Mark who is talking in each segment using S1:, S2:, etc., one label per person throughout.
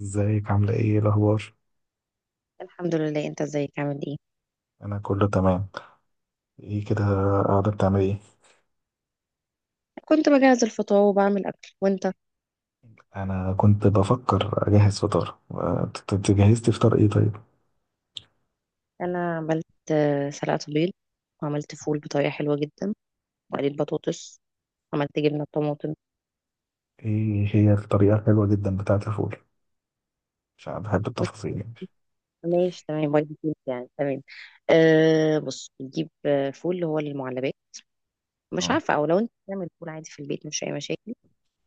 S1: ازيك عاملة إيه الأخبار؟
S2: الحمد لله، انت ازيك؟ عامل ايه؟
S1: أنا كله تمام، ايه كده، قاعدة بتعمل ايه؟
S2: كنت بجهز الفطار وبعمل اكل، وانت؟
S1: أنا كنت بفكر أجهز فطار، انت جهزتي فطار ايه طيب؟
S2: انا عملت سلقة بيض، وعملت فول بطريقة حلوة جدا، وقليت بطاطس، عملت جبنة طماطم.
S1: ايه هي الطريقة الحلوة جدا بتاعة الفول؟ عشان بحب
S2: بص،
S1: التفاصيل يعني.
S2: ماشي تمام وايت بيض يعني تمام. أه بص، بتجيب فول اللي هو المعلبات، مش
S1: اه،
S2: عارفة، او لو انت بتعمل فول عادي في البيت مش اي مشاكل.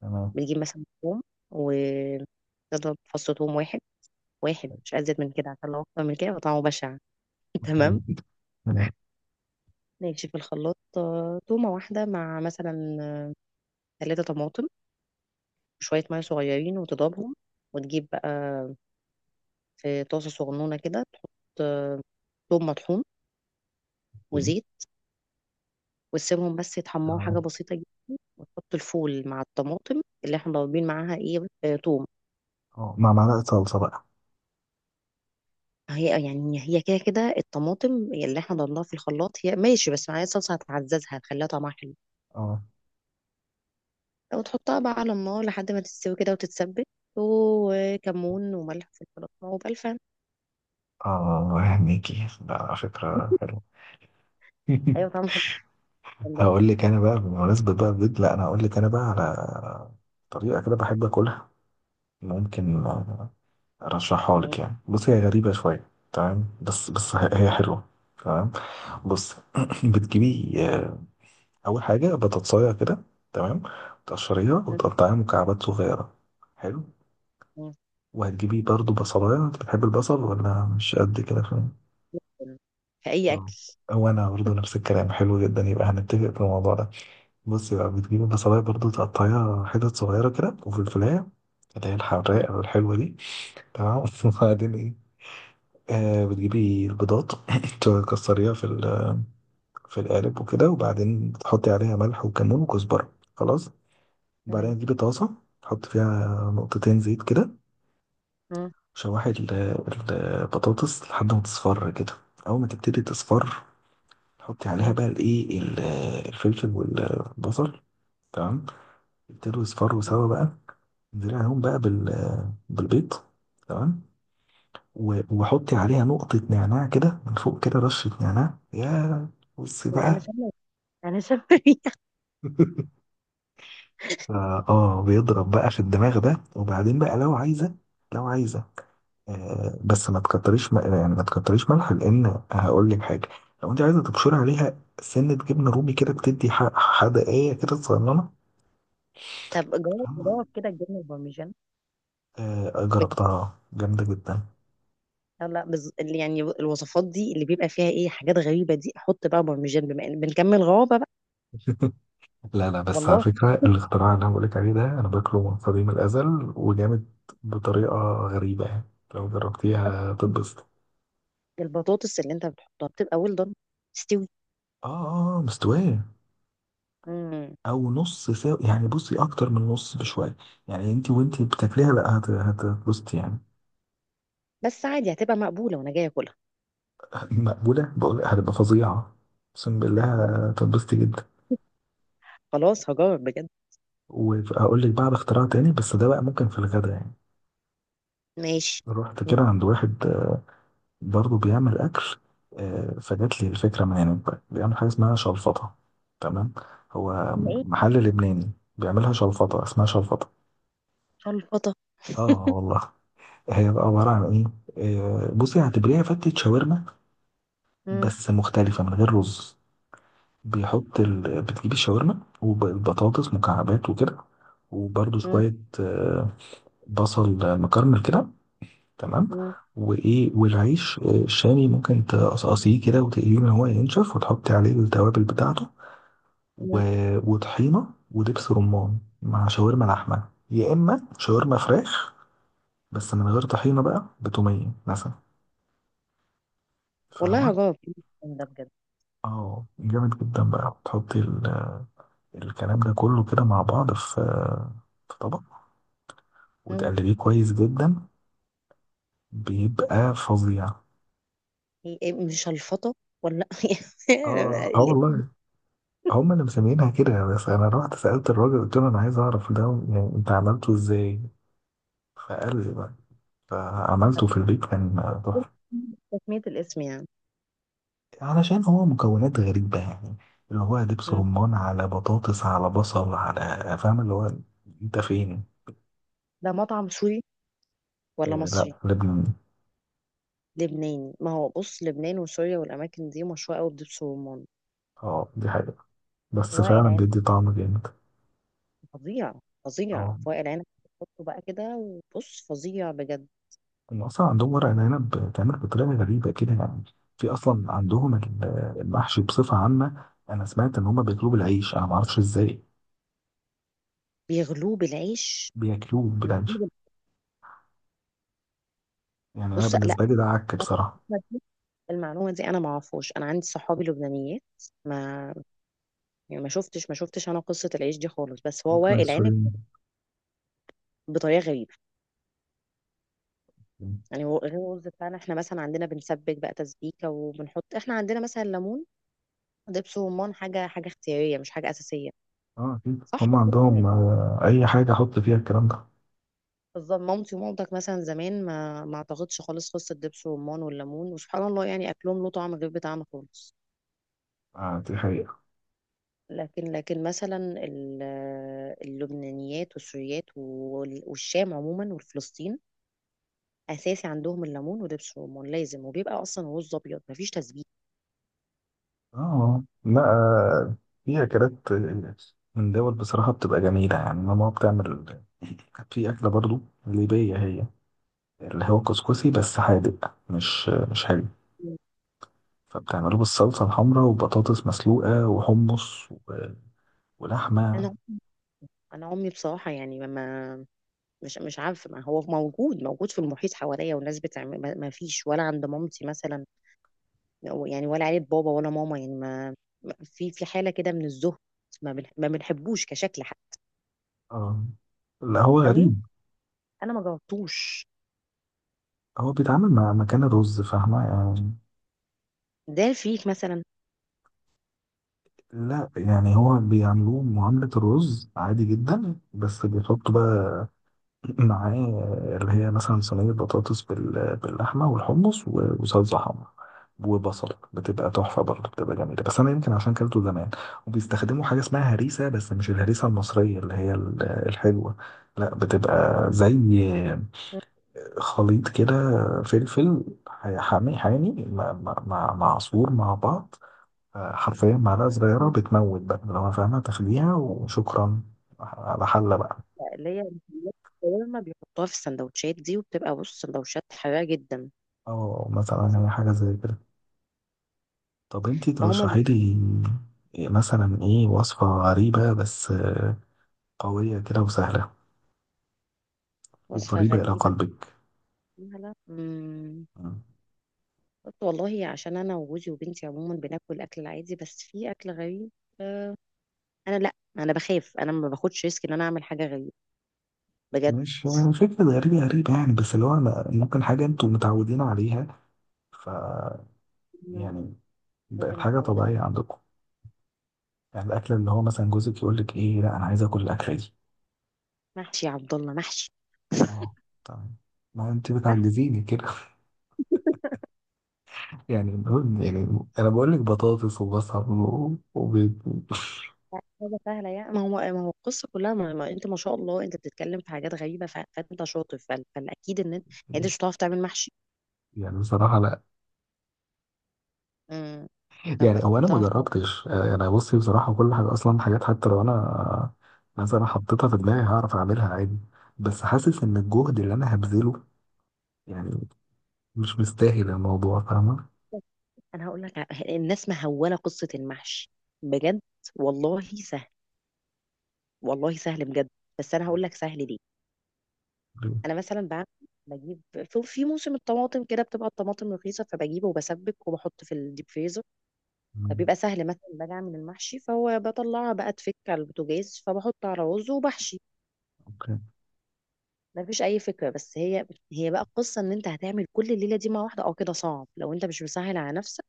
S1: تمام.
S2: بتجيب مثلا توم، وتضرب فص توم واحد، واحد مش ازيد من كده عشان لو اكتر من كده يبقى طعمه بشع. تمام.
S1: تمام.
S2: ماشي في الخلاط تومة واحدة مع مثلا ثلاثة طماطم وشوية مية صغيرين، وتضربهم. وتجيب بقى في طاسة صغنونة كده تحط آه، ثوم مطحون وزيت، وتسيبهم بس يتحمروا حاجة بسيطة جدا، وتحط الفول مع الطماطم اللي احنا ضاربين معاها ايه توم.
S1: اه، مع معلقة صلصة بقى.
S2: هي يعني هي كده كده، الطماطم اللي احنا ضربناها في الخلاط هي ماشي، بس معايا صلصة هتعززها هتخليها طعمها حلو.
S1: اه
S2: وتحطها بقى على النار لحد ما تستوي كده وتتسبك، وكمون وملح في الفلفل وبألفان.
S1: اه، هنيكي ده فكرة حلوة.
S2: ايوه طعمها حلو والله.
S1: هقول لك أنا بقى، بمناسبة بقى البيض، لا أنا هقول لك أنا بقى على طريقة كده بحب أكلها، ممكن رشحها لك يعني. بصي، هي غريبة شوية، تمام، بس هي حلوة. تمام، بص. بتجيبي أول حاجة بتتصايع كده، تمام، تقشريها وتقطعيها مكعبات صغيرة، حلو.
S2: تمام.
S1: وهتجيبي برضو بصلاية، انت بتحب البصل ولا مش قد كده؟ فاهم،
S2: في اي
S1: طب
S2: اكل.
S1: وانا برضو نفس الكلام، حلو جدا، يبقى هنتفق في الموضوع ده. بصي بقى، بتجيبي بصلاية برضو تقطعيها حتت صغيرة كده، وفلفلاية اللي هي
S2: مم.
S1: الحراقة والحلوة دي، تمام. وبعدين ايه، آه بتجيبي البيضات، تكسريها في في القالب وكده، وبعدين تحطي عليها ملح وكمون وكزبرة خلاص، وبعدين
S2: تمام.
S1: تجيبي طاسة تحط فيها نقطتين زيت كده،
S2: مم.
S1: شوحي البطاطس لحد ما تصفر كده، أول ما تبتدي تصفر تحطي عليها
S2: مم.
S1: بقى الفلفل والبصل، تمام، يبتدوا يصفروا
S2: مم.
S1: سوا بقى، انزلي عليهم بقى بالبيض، تمام، وحطي عليها نقطة نعناع كده من فوق، كده رشة نعناع، يا بصي
S2: لا، انا
S1: بقى.
S2: شامه، انا شامه ريحة.
S1: اه، بيضرب بقى في الدماغ ده، وبعدين بقى لو عايزة، لو عايزة بس ما تكتريش، يعني ما تكتريش ملح لأن هقول لك حاجة، لو أنت عايزة تبشري عليها سنة جبنة رومي كده بتدي حدقية كده صغننة.
S2: طب جوه جوه كده الجبنه البارميجان؟
S1: آه،
S2: بجد.
S1: جربتها جامدة جدا.
S2: لا لا، اللي يعني الوصفات دي اللي بيبقى فيها ايه حاجات غريبه دي، احط بقى بارميجان بما ان بنكمل غرابه بقى.
S1: لا لا، بس على
S2: والله.
S1: فكرة الاختراع اللي أنا بقولك عليه ده أنا باكله من قديم الأزل وجامد، بطريقة غريبة يعني، لو جربتيها هتتبسط.
S2: البطاطس اللي انت بتحطها بتبقى ويل دون، تستوي.
S1: آه آه، مستوية.
S2: مم.
S1: أو نص سوا يعني، بصي، أكتر من نص بشوية يعني، أنت وأنت بتاكليها لا، هتتبسطي يعني.
S2: بس عادي هتبقى مقبوله وانا جايه اكلها.
S1: مقبولة؟ بقول هتبقى فظيعة، أقسم بالله،
S2: والله.
S1: هتتبسطي جدا.
S2: خلاص هجرب بجد.
S1: وهقول لك بعد اختراع تاني، بس ده بقى ممكن في الغدا يعني.
S2: ماشي.
S1: رحت كده
S2: مم.
S1: عند واحد برضه بيعمل أكل، فجات لي الفكرة من هناك، بيعمل حاجة اسمها شلفطة، تمام، هو
S2: ايه؟
S1: محل لبناني، بيعملها شلفطة، اسمها شلفطة.
S2: شلفطه.
S1: اه والله، هي بقى عبارة عن ايه، بصي، هتبريها فتة شاورما
S2: مم.
S1: بس مختلفة، من غير رز. بتجيب الشاورما والبطاطس مكعبات وكده، وبرضه
S2: مم.
S1: شوية، آه، بصل مكرمل كده، تمام،
S2: مم.
S1: وايه، والعيش الشامي، ممكن تقصقصيه كده وتقليه ان هو ينشف وتحطي عليه التوابل بتاعته، و...
S2: مم.
S1: وطحينه ودبس رمان مع شاورما لحمه يا اما شاورما فراخ، بس من غير طحينه بقى، بتوميه مثلا،
S2: والله
S1: فاهمه.
S2: هجرب ده بجد.
S1: اه، جامد جدا بقى، تحطي الكلام ده كله كده مع بعض في طبق، وتقلبيه كويس جدا، بيبقى فظيع.
S2: إيه، إيه، مش الفطة ولا يعني
S1: اه اه
S2: الاسم؟
S1: والله، هم اللي مسمينها كده، بس انا رحت سألت الراجل، قلت له انا عايز اعرف ده، يعني انت عملته ازاي؟ فقال لي بقى، فعملته في البيت كان تحفة.
S2: تسمية الاسم يعني.
S1: علشان هو مكونات غريبة يعني، اللي هو دبس
S2: مم.
S1: رمان على بطاطس على بصل على، فاهم اللي هو. انت فين؟
S2: ده مطعم سوري ولا
S1: آه، لا
S2: مصري؟
S1: لبنان.
S2: لبناني. ما هو بص، لبنان وسوريا والأماكن دي مشهورة قوي بدبس الرمان.
S1: اه دي حقيقة، بس
S2: وائل
S1: فعلا
S2: عنب
S1: بيدي طعم جامد.
S2: فظيع، فظيع
S1: اه،
S2: في وائل عنب. تحطه بقى كده وبص فظيع بجد.
S1: هم اصلا عندهم ورق العنب بتعمل بطريقة غريبة كده يعني. في اصلا عندهم المحشي بصفة عامة، انا سمعت ان هم بيطلبوا العيش، انا ما اعرفش ازاي
S2: بيغلوه بالعيش.
S1: بياكلوه بالعنف،
S2: بيغلوه بال-
S1: يعني انا
S2: بص لا،
S1: بالنسبه لي ده عك بصراحه.
S2: المعلومة دي أنا ما أعرفهاش. أنا عندي صحابي لبنانيات، ما يعني، ما شفتش ما شفتش أنا قصة العيش دي خالص، بس هو
S1: ممكن
S2: وائل عنب
S1: السوريين.
S2: بطريقة غريبة. غير الرز بتاعنا احنا مثلا، عندنا بنسبك بقى تسبيكه، وبنحط احنا عندنا مثلا ليمون، دبس رمان. حاجه حاجه اختياريه مش حاجه اساسيه،
S1: اه، اكيد
S2: صح
S1: هم
S2: كده؟
S1: عندهم اي حاجه احط فيها الكلام ده.
S2: بالظبط، مامتي ومامتك مثلا زمان ما اعتقدش خالص قصه دبس رمان والليمون، وسبحان الله يعني اكلهم له طعم غير بتاعنا خالص.
S1: آه، دي حقيقه.
S2: لكن مثلا اللبنانيات والسوريات والشام عموما والفلسطين، اساسي عندهم الليمون ودبس الرمان لازم، وبيبقى اصلا رز ابيض مفيش تسبيك.
S1: اه، لا، في اكلات، من دول بصراحه بتبقى جميله يعني. ماما بتعمل في اكله برضو ليبيه، هي اللي هو كسكسي، بس حادق مش حلو، فبتعمله بالصلصه الحمراء وبطاطس مسلوقه وحمص ولحمه.
S2: انا انا امي بصراحه يعني ما، مش عارفة. ما هو موجود موجود في المحيط حواليا والناس بتعمل، ما فيش ولا عند مامتي مثلا. يعني ولا عيلة بابا ولا ماما يعني ما، في في حالة كده من الزهد، ما بنحبوش كشكل حتى.
S1: اه، لا هو
S2: او يمكن
S1: غريب،
S2: انا ما جربتوش،
S1: هو بيتعامل مع مكان الرز، فاهمة يعني.
S2: ده فيك مثلا.
S1: لا يعني، هو بيعملوه معاملة الرز عادي جدا، بس بيحطوا بقى معاه، اللي هي مثلا صينية بطاطس باللحمة والحمص وصلصة حمرا وبصل، بتبقى تحفة برضه، بتبقى جميلة، بس أنا يمكن عشان كلته زمان. وبيستخدموا حاجة اسمها هريسة، بس مش الهريسة المصرية اللي هي الحلوة، لا بتبقى زي خليط كده، فلفل حامي حامي مع عصفور مع بعض، آه، حرفيا معلقة صغيرة بتموت بقى لو أنا فاهمها، تاخديها وشكرا على حلة بقى.
S2: اللي هي الشاورما بيحطوها في السندوتشات دي، وبتبقى بص سندوتشات حراقة جدا.
S1: أو مثلا هي حاجة زي كده. طب انتي
S2: ما هما بي-
S1: ترشحي لي مثلا ايه وصفة غريبة، بس قوية كده وسهلة
S2: وصفة
S1: وقريبة إلى
S2: غريبة
S1: قلبك.
S2: فيها، لا. مم.
S1: مم.
S2: قلت والله، عشان أنا وجوزي وبنتي عموما بناكل الأكل العادي، بس في أكل غريب. آه، لا، انا بخاف. انا ما باخدش ريسك ان انا اعمل حاجه غريبه، بجد.
S1: مش فكرة غريبة غريبة يعني، بس اللي هو أنا- ممكن حاجة انتوا متعودين عليها، ف
S2: أنا.
S1: يعني،
S2: حاجه
S1: بقت حاجة
S2: متعوده.
S1: طبيعية عندكم يعني، الأكل اللي هو مثلا جوزك يقول لك ايه، لا أنا عايز آكل الأكلة دي.
S2: محشي يا عبد الله، محشي.
S1: اه تمام، ما انت
S2: محشي.
S1: بتعجزيني كده. يعني المهم، يعني انا بقول لك بطاطس وبصل وبيض.
S2: حاجه سهله يعني. ما هو القصه كلها ما, ما انت ما شاء الله انت بتتكلم في حاجات غريبه، فانت شاطر، فالاكيد ان انت يعني انت مش بتعرف تعمل محشي.
S1: يعني بصراحه لا.
S2: امم. طب
S1: يعني هو، انا ما
S2: بتعرف تعمل؟
S1: جربتش، انا بصي بصراحه، كل حاجه اصلا حاجات، حتى لو انا مثلا حطيتها في دماغي هعرف اعملها عادي، بس حاسس ان الجهد اللي انا هبذله يعني مش مستاهل الموضوع، فاهمه.
S2: انا هقول لك، الناس مهوله قصه المحشي، بجد. والله سهل، والله سهل بجد. بس انا هقول لك سهل ليه. انا مثلا بعمل، بجيب في موسم الطماطم كده بتبقى الطماطم رخيصه، فبجيبه وبسبك وبحط في الديب فريزر.
S1: مم.
S2: فبيبقى سهل، مثلا باجي اعمل المحشي فهو بطلعها بقى تفك على البوتاجاز، فبحط على رز وبحشي.
S1: اوكي.
S2: ما فيش اي فكره. بس هي بقى القصه ان انت هتعمل كل الليله دي مع واحده، اه كده صعب لو انت مش مسهل على نفسك.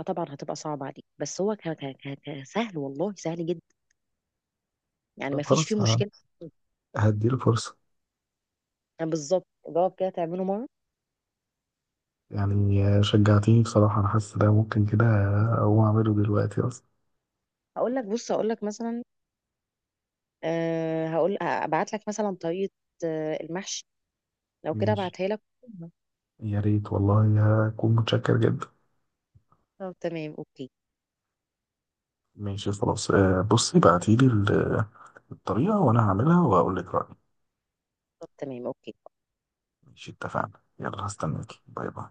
S2: اه طبعا هتبقى صعب عليك، بس هو سهل والله سهل جدا، يعني
S1: طب
S2: ما فيش
S1: خلاص،
S2: فيه
S1: ه-
S2: مشكله.
S1: هديله فرصه.
S2: يعني بالظبط جواب كده تعمله مره.
S1: يعني شجعتيني بصراحه، انا حاسس ده ممكن كده اقوم اعمله دلوقتي اصلا.
S2: هقول لك، بص، هقول لك مثلا، أه هقول ابعت لك مثلا طريقة المحشي، لو كده
S1: ماشي،
S2: ابعتها لك.
S1: يا ريت والله، هكون متشكر جدا.
S2: طب تمام، اوكي.
S1: ماشي خلاص، بصي بعتيلي الطريقة وأنا هعملها وأقول لك رأيي.
S2: طب تمام، اوكي.
S1: ماشي اتفقنا، يلا هستناكي، باي باي.